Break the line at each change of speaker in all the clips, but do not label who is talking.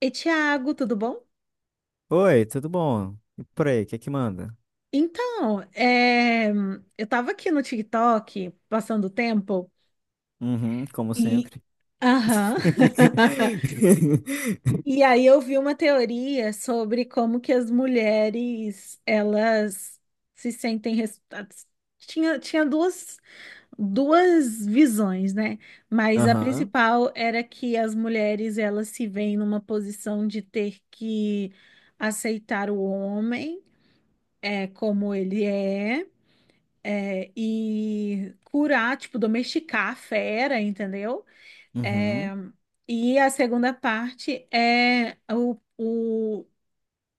E Thiago, tudo bom?
Oi, tudo bom? E por aí, o que é que manda?
Então, é, eu tava aqui no TikTok, passando o tempo,
Uhum, como
e.
sempre.
Aham. E aí eu vi uma teoria sobre como que as mulheres, elas se sentem. Tinha duas, duas visões, né? Mas a
Aham,
principal era que as mulheres, elas se veem numa posição de ter que aceitar o homem, como ele é, e curar, tipo, domesticar a fera, entendeu?
uhum,
É, e a segunda parte é o, o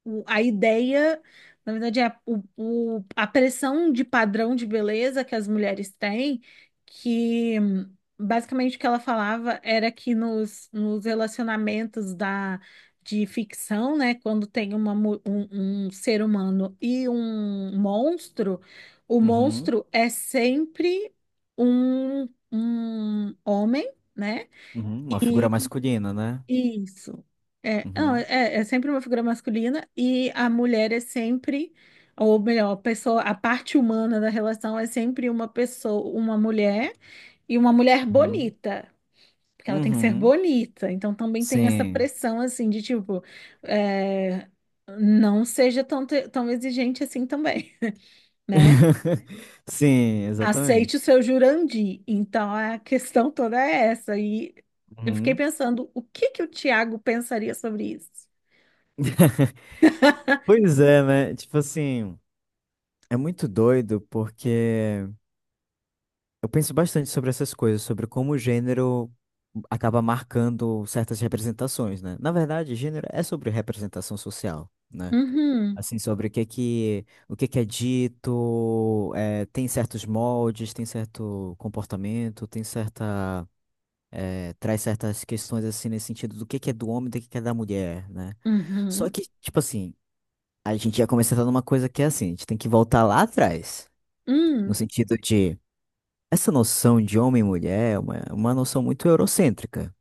o- a ideia, na verdade, é a pressão de padrão de beleza que as mulheres têm, que basicamente o que ela falava era que nos relacionamentos de ficção, né, quando tem um ser humano e um monstro, o
uhum,
monstro é sempre um homem, né?
uhum, uma figura masculina, né?
Isso. É, não,
Uhum,
é, é sempre uma figura masculina e a mulher é sempre, ou melhor, a pessoa, a parte humana da relação é sempre uma pessoa, uma mulher e uma mulher
uhum,
bonita, porque ela tem que ser
uhum,
bonita. Então também tem essa
sim.
pressão assim de tipo, é, não seja tão exigente assim também, né?
Sim,
Aceite o
exatamente.
seu Jurandi. Então a questão toda é essa. E eu fiquei
Uhum.
pensando, o que que o Tiago pensaria sobre isso?
Pois é, né? Tipo assim, é muito doido porque eu penso bastante sobre essas coisas, sobre como o gênero acaba marcando certas representações, né? Na verdade, gênero é sobre representação social, né?
Uhum,
Assim, sobre o que é que, o que é dito, tem certos moldes, tem certo comportamento, tem certa, traz certas questões, assim, nesse sentido do que é do homem, do que é da mulher, né? Só
uhum,
que, tipo assim, a gente já começa a entrar numa coisa que é assim, a gente tem que voltar lá atrás, no
hum,
sentido de... Essa noção de homem e mulher é uma noção muito eurocêntrica,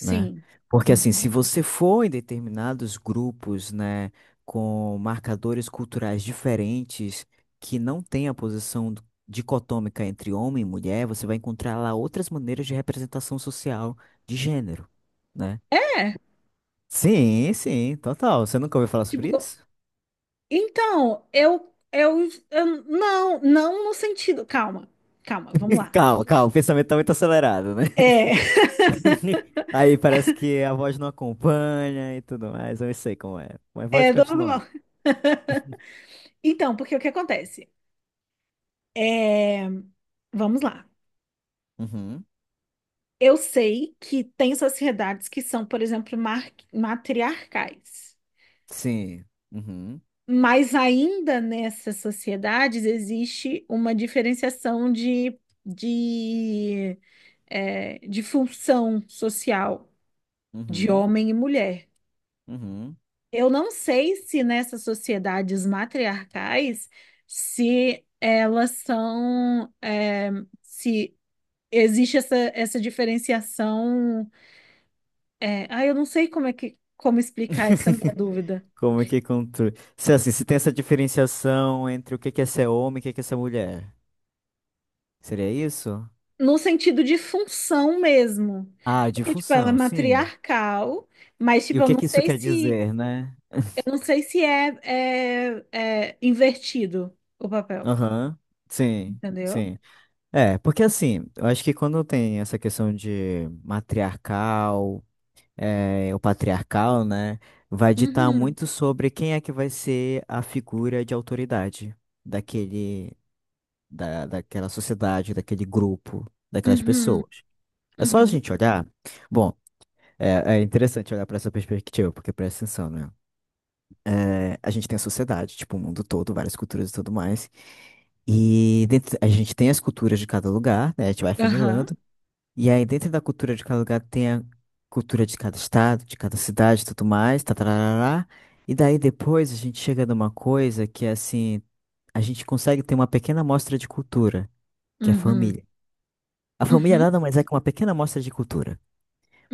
né? Porque, assim, se
Uhum.
você for em determinados grupos, né, com marcadores culturais diferentes, que não tem a posição dicotômica entre homem e mulher, você vai encontrar lá outras maneiras de representação social de gênero, né?
É,
Sim, sim, total. Você nunca ouviu falar
tipo,
sobre
co-
isso?
então, não, não no sentido, calma, calma, vamos lá.
Calma, calma, o pensamento tá muito acelerado, né?
É,
Aí parece que a voz não acompanha e tudo mais. Eu não sei como é. Mas pode
é normal.
continuar.
Então, porque o que acontece? É, vamos lá.
Uhum.
Eu sei que tem sociedades que são, por exemplo, matriarcais,
Sim. Uhum.
mas ainda nessas sociedades existe uma diferenciação de de função social de
Uhum.
homem e mulher.
Uhum.
Eu não sei se nessas sociedades matriarcais, se elas são, é, se existe essa diferenciação. Eu não sei como explicar essa minha dúvida.
Como é que controle? Se assim, se tem essa diferenciação entre o que que é ser homem e o que que é ser mulher. Seria isso?
No sentido de função mesmo.
Ah, de
Porque, tipo, ela é
função, sim.
matriarcal, mas
E
tipo,
o que que isso quer dizer, né?
eu não sei se é invertido o papel,
Aham. Sim.
entendeu?
Sim. É, porque assim, eu acho que quando tem essa questão de matriarcal, é, o patriarcal, né, vai ditar
Uhum,
muito sobre quem é que vai ser a figura de autoridade daquele daquela sociedade, daquele grupo, daquelas
uhum,
pessoas. É só a
uhum,
gente olhar. Bom, é, é interessante olhar para essa perspectiva, porque presta atenção, né? É, a gente tem a sociedade, tipo, o mundo todo, várias culturas e tudo mais. E dentro, a gente tem as culturas de cada lugar, né? A gente vai
aham,
afunilando. E aí, dentro da cultura de cada lugar, tem a cultura de cada estado, de cada cidade e tudo mais, tatarará. E daí, depois, a gente chega numa coisa que, é assim, a gente consegue ter uma pequena amostra de cultura, que é a
uhum,
família. A família
uhum,
nada mais é que uma pequena amostra de cultura.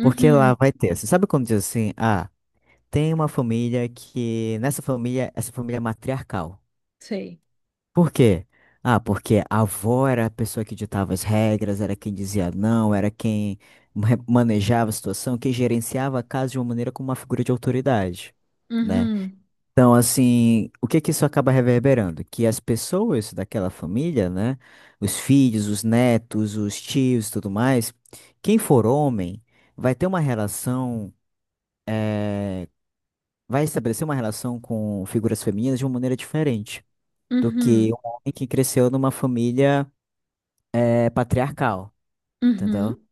Porque lá vai ter, você sabe quando diz assim, ah, tem uma família que, nessa família, essa família é matriarcal.
sei,
Por quê? Ah, porque a avó era a pessoa que ditava as regras, era quem dizia não, era quem manejava a situação, quem gerenciava a casa de uma maneira como uma figura de autoridade, né?
uhum,
Então, assim, o que que isso acaba reverberando? Que as pessoas daquela família, né? Os filhos, os netos, os tios e tudo mais, quem for homem vai ter uma relação, eh, vai estabelecer uma relação com figuras femininas de uma maneira diferente do que
uhum,
um homem que cresceu numa família, patriarcal, entendeu?
uhum,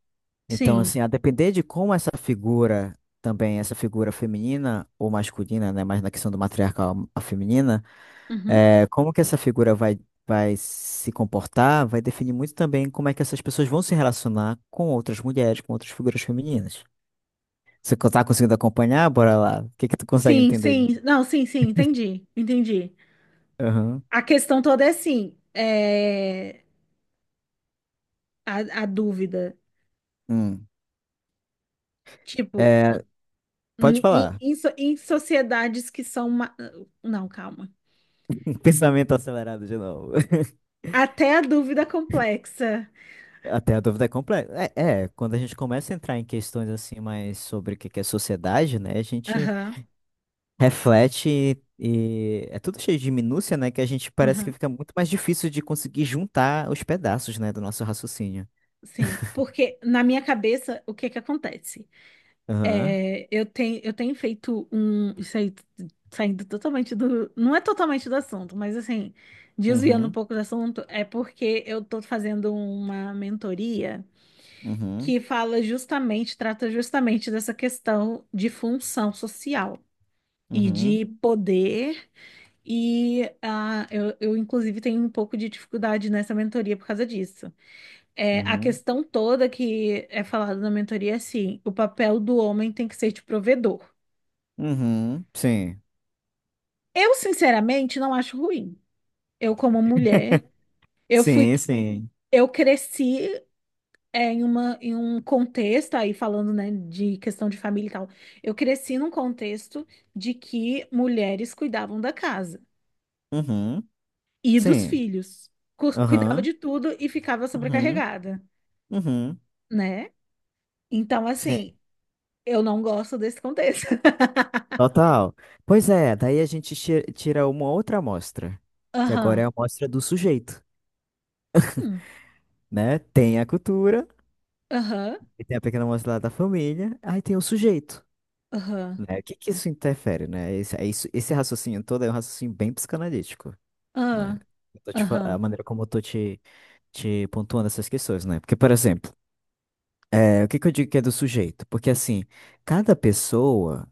Então,
sim,
assim, a depender de como essa figura, também essa figura feminina ou masculina, né? Mas na questão do matriarcal, a feminina.
uhum,
É, como que essa figura vai, vai se comportar vai definir muito também como é que essas pessoas vão se relacionar com outras mulheres, com outras figuras femininas. Você tá conseguindo acompanhar? Bora lá. O que que tu consegue
sim,
entender?
sim, não, sim, sim, entendi, entendi.
Aham.
A questão toda é assim, é, A dúvida,
Hum.
tipo,
É, pode falar.
em sociedades que são. Não, calma,
Pensamento acelerado de novo.
até a dúvida complexa,
Até a dúvida é complexa. É, é, quando a gente começa a entrar em questões assim mais sobre o que que é sociedade, né? A gente
aham,
reflete e é tudo cheio de minúcia, né? Que a gente parece que
aham,
fica muito mais difícil de conseguir juntar os pedaços, né, do nosso raciocínio.
sim, porque na minha cabeça, o que que acontece?
Aham.
Eu tenho feito um. Isso aí, saindo totalmente do. Não é totalmente do assunto, mas assim, desviando um
Uhum.
pouco do assunto, é porque eu tô fazendo uma mentoria
Uhum.
que fala justamente, trata justamente dessa questão de função social e
Uhum.
de poder. E inclusive, tenho um pouco de dificuldade nessa mentoria por causa disso. É, a
Uhum.
questão toda que é falada na mentoria é assim: o papel do homem tem que ser de provedor.
Uhum. Sim.
Eu, sinceramente, não acho ruim. Eu, como mulher, eu fui,
Sim, sim.
eu cresci em em um contexto, aí falando, né, de questão de família e tal, eu cresci num contexto de que mulheres cuidavam da casa
Uhum.
e dos
Sim.
filhos. Cuidava
Aham.
de tudo e ficava
Uhum.
sobrecarregada,
Uhum.
né? Então,
Sim.
assim, eu não gosto desse contexto.
Total. Pois é, daí a gente tira uma outra amostra, que agora é
Aham.
a amostra do sujeito,
Hum.
né? Tem a cultura,
Aham.
e tem a pequena amostra lá da família, aí tem o sujeito.
Aham.
Né? O que que isso interfere, né? Esse, é isso, esse raciocínio todo é um raciocínio bem psicanalítico, né?
Aham.
Eu tô te a
Aham.
maneira como eu tô te, te pontuando essas questões, né? Porque, por exemplo, é, o que que eu digo que é do sujeito? Porque, assim, cada pessoa,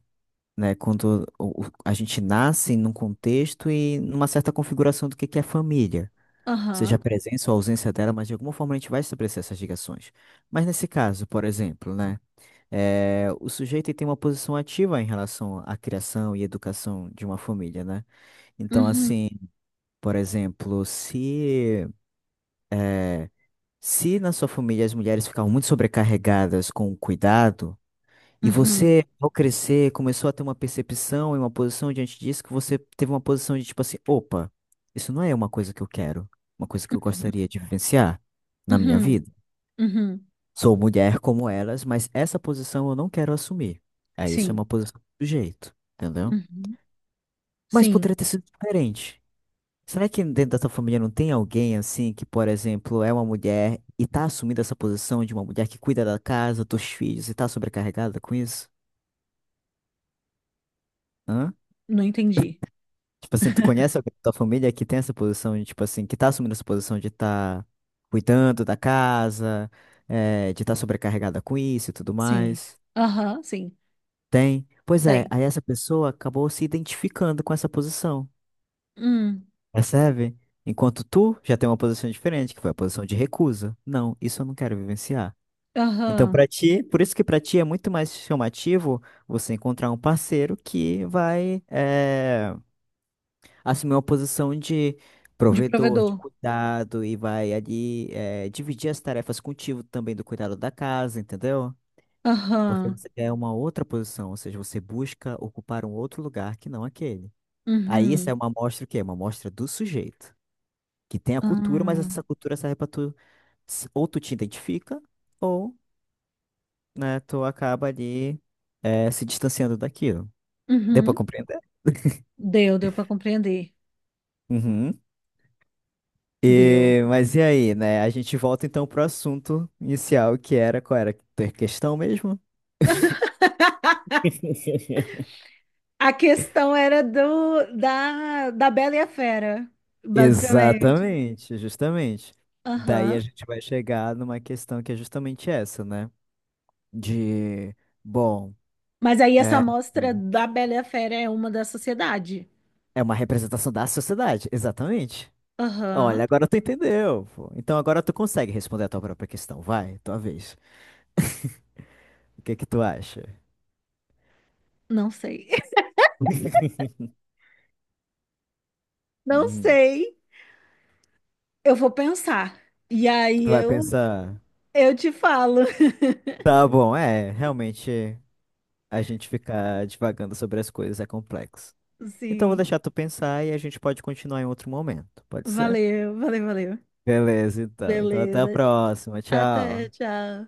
né, quando a gente nasce num contexto e numa certa configuração do que é família, seja a
Aham.
presença ou a ausência dela, mas de alguma forma a gente vai estabelecer essas ligações. Mas nesse caso, por exemplo, né? É, o sujeito ele tem uma posição ativa em relação à criação e educação de uma família, né? Então,
Uhum.
assim, por exemplo, se na sua família as mulheres ficavam muito sobrecarregadas com o cuidado, e
Uhum.
você, ao crescer, começou a ter uma percepção e uma posição diante disso, que você teve uma posição de tipo assim, opa, isso não é uma coisa que eu quero, uma coisa que eu gostaria de vivenciar na minha
Uhum.
vida.
Uhum.
Sou mulher como elas, mas essa posição eu não quero assumir. Aí isso é
Sim.
uma posição do sujeito, entendeu?
Uhum.
Mas
Sim.
poderia ter sido diferente. Será que dentro da tua família não tem alguém assim que, por exemplo, é uma mulher e tá assumindo essa posição de uma mulher que cuida da casa, dos filhos e tá sobrecarregada com isso? Hã?
Não entendi.
Tipo assim, tu conhece alguém da tua família que tem essa posição de, tipo assim, que tá assumindo essa posição de tá cuidando da casa, de tá sobrecarregada com isso e tudo
Sim.
mais?
Aham, sim.
Tem? Pois é,
Tem.
aí essa pessoa acabou se identificando com essa posição.
Hum.
Percebe? Enquanto tu já tem uma posição diferente, que foi a posição de recusa. Não, isso eu não quero vivenciar. Então,
Aham.
para ti, por isso que para ti é muito mais chamativo você encontrar um parceiro que vai assumir uma posição de
De
provedor, de
provedor.
cuidado e vai ali dividir as tarefas contigo também do cuidado da casa, entendeu? Porque
Aham.
você quer uma outra posição, ou seja, você busca ocupar um outro lugar que não aquele. Aí, isso é
Uhum.
uma amostra o quê? Uma amostra do sujeito que tem a cultura, mas
Ah.
essa cultura serve pra tu, ou tu te identifica, ou, né, tu acaba ali se distanciando daquilo. Deu pra
Uhum.
compreender?
Deu, deu para compreender.
Uhum.
Deu.
E, mas e aí, né? A gente volta então pro assunto inicial, que era qual era a questão mesmo?
A questão era da Bela e a Fera, basicamente.
Exatamente, justamente. Daí a
Aham.
gente vai chegar numa questão que é justamente essa, né? De, bom,
Mas aí essa
é,
amostra da Bela e a Fera é uma da sociedade.
é uma representação da sociedade, exatamente.
Aham.
Olha, agora tu entendeu, pô. Então agora tu consegue responder a tua própria questão. Vai, tua vez. O que que tu acha?
Não sei. Não
Hum,
sei. Eu vou pensar. E aí
tu vai
eu
pensar.
Eu te falo.
Tá bom, é, realmente a gente ficar divagando sobre as coisas é complexo. Então vou
Sim.
deixar tu pensar e a gente pode continuar em outro momento, pode ser?
Valeu, valeu, valeu.
Beleza, então. Então até a
Beleza.
próxima. Tchau.
Até, tchau.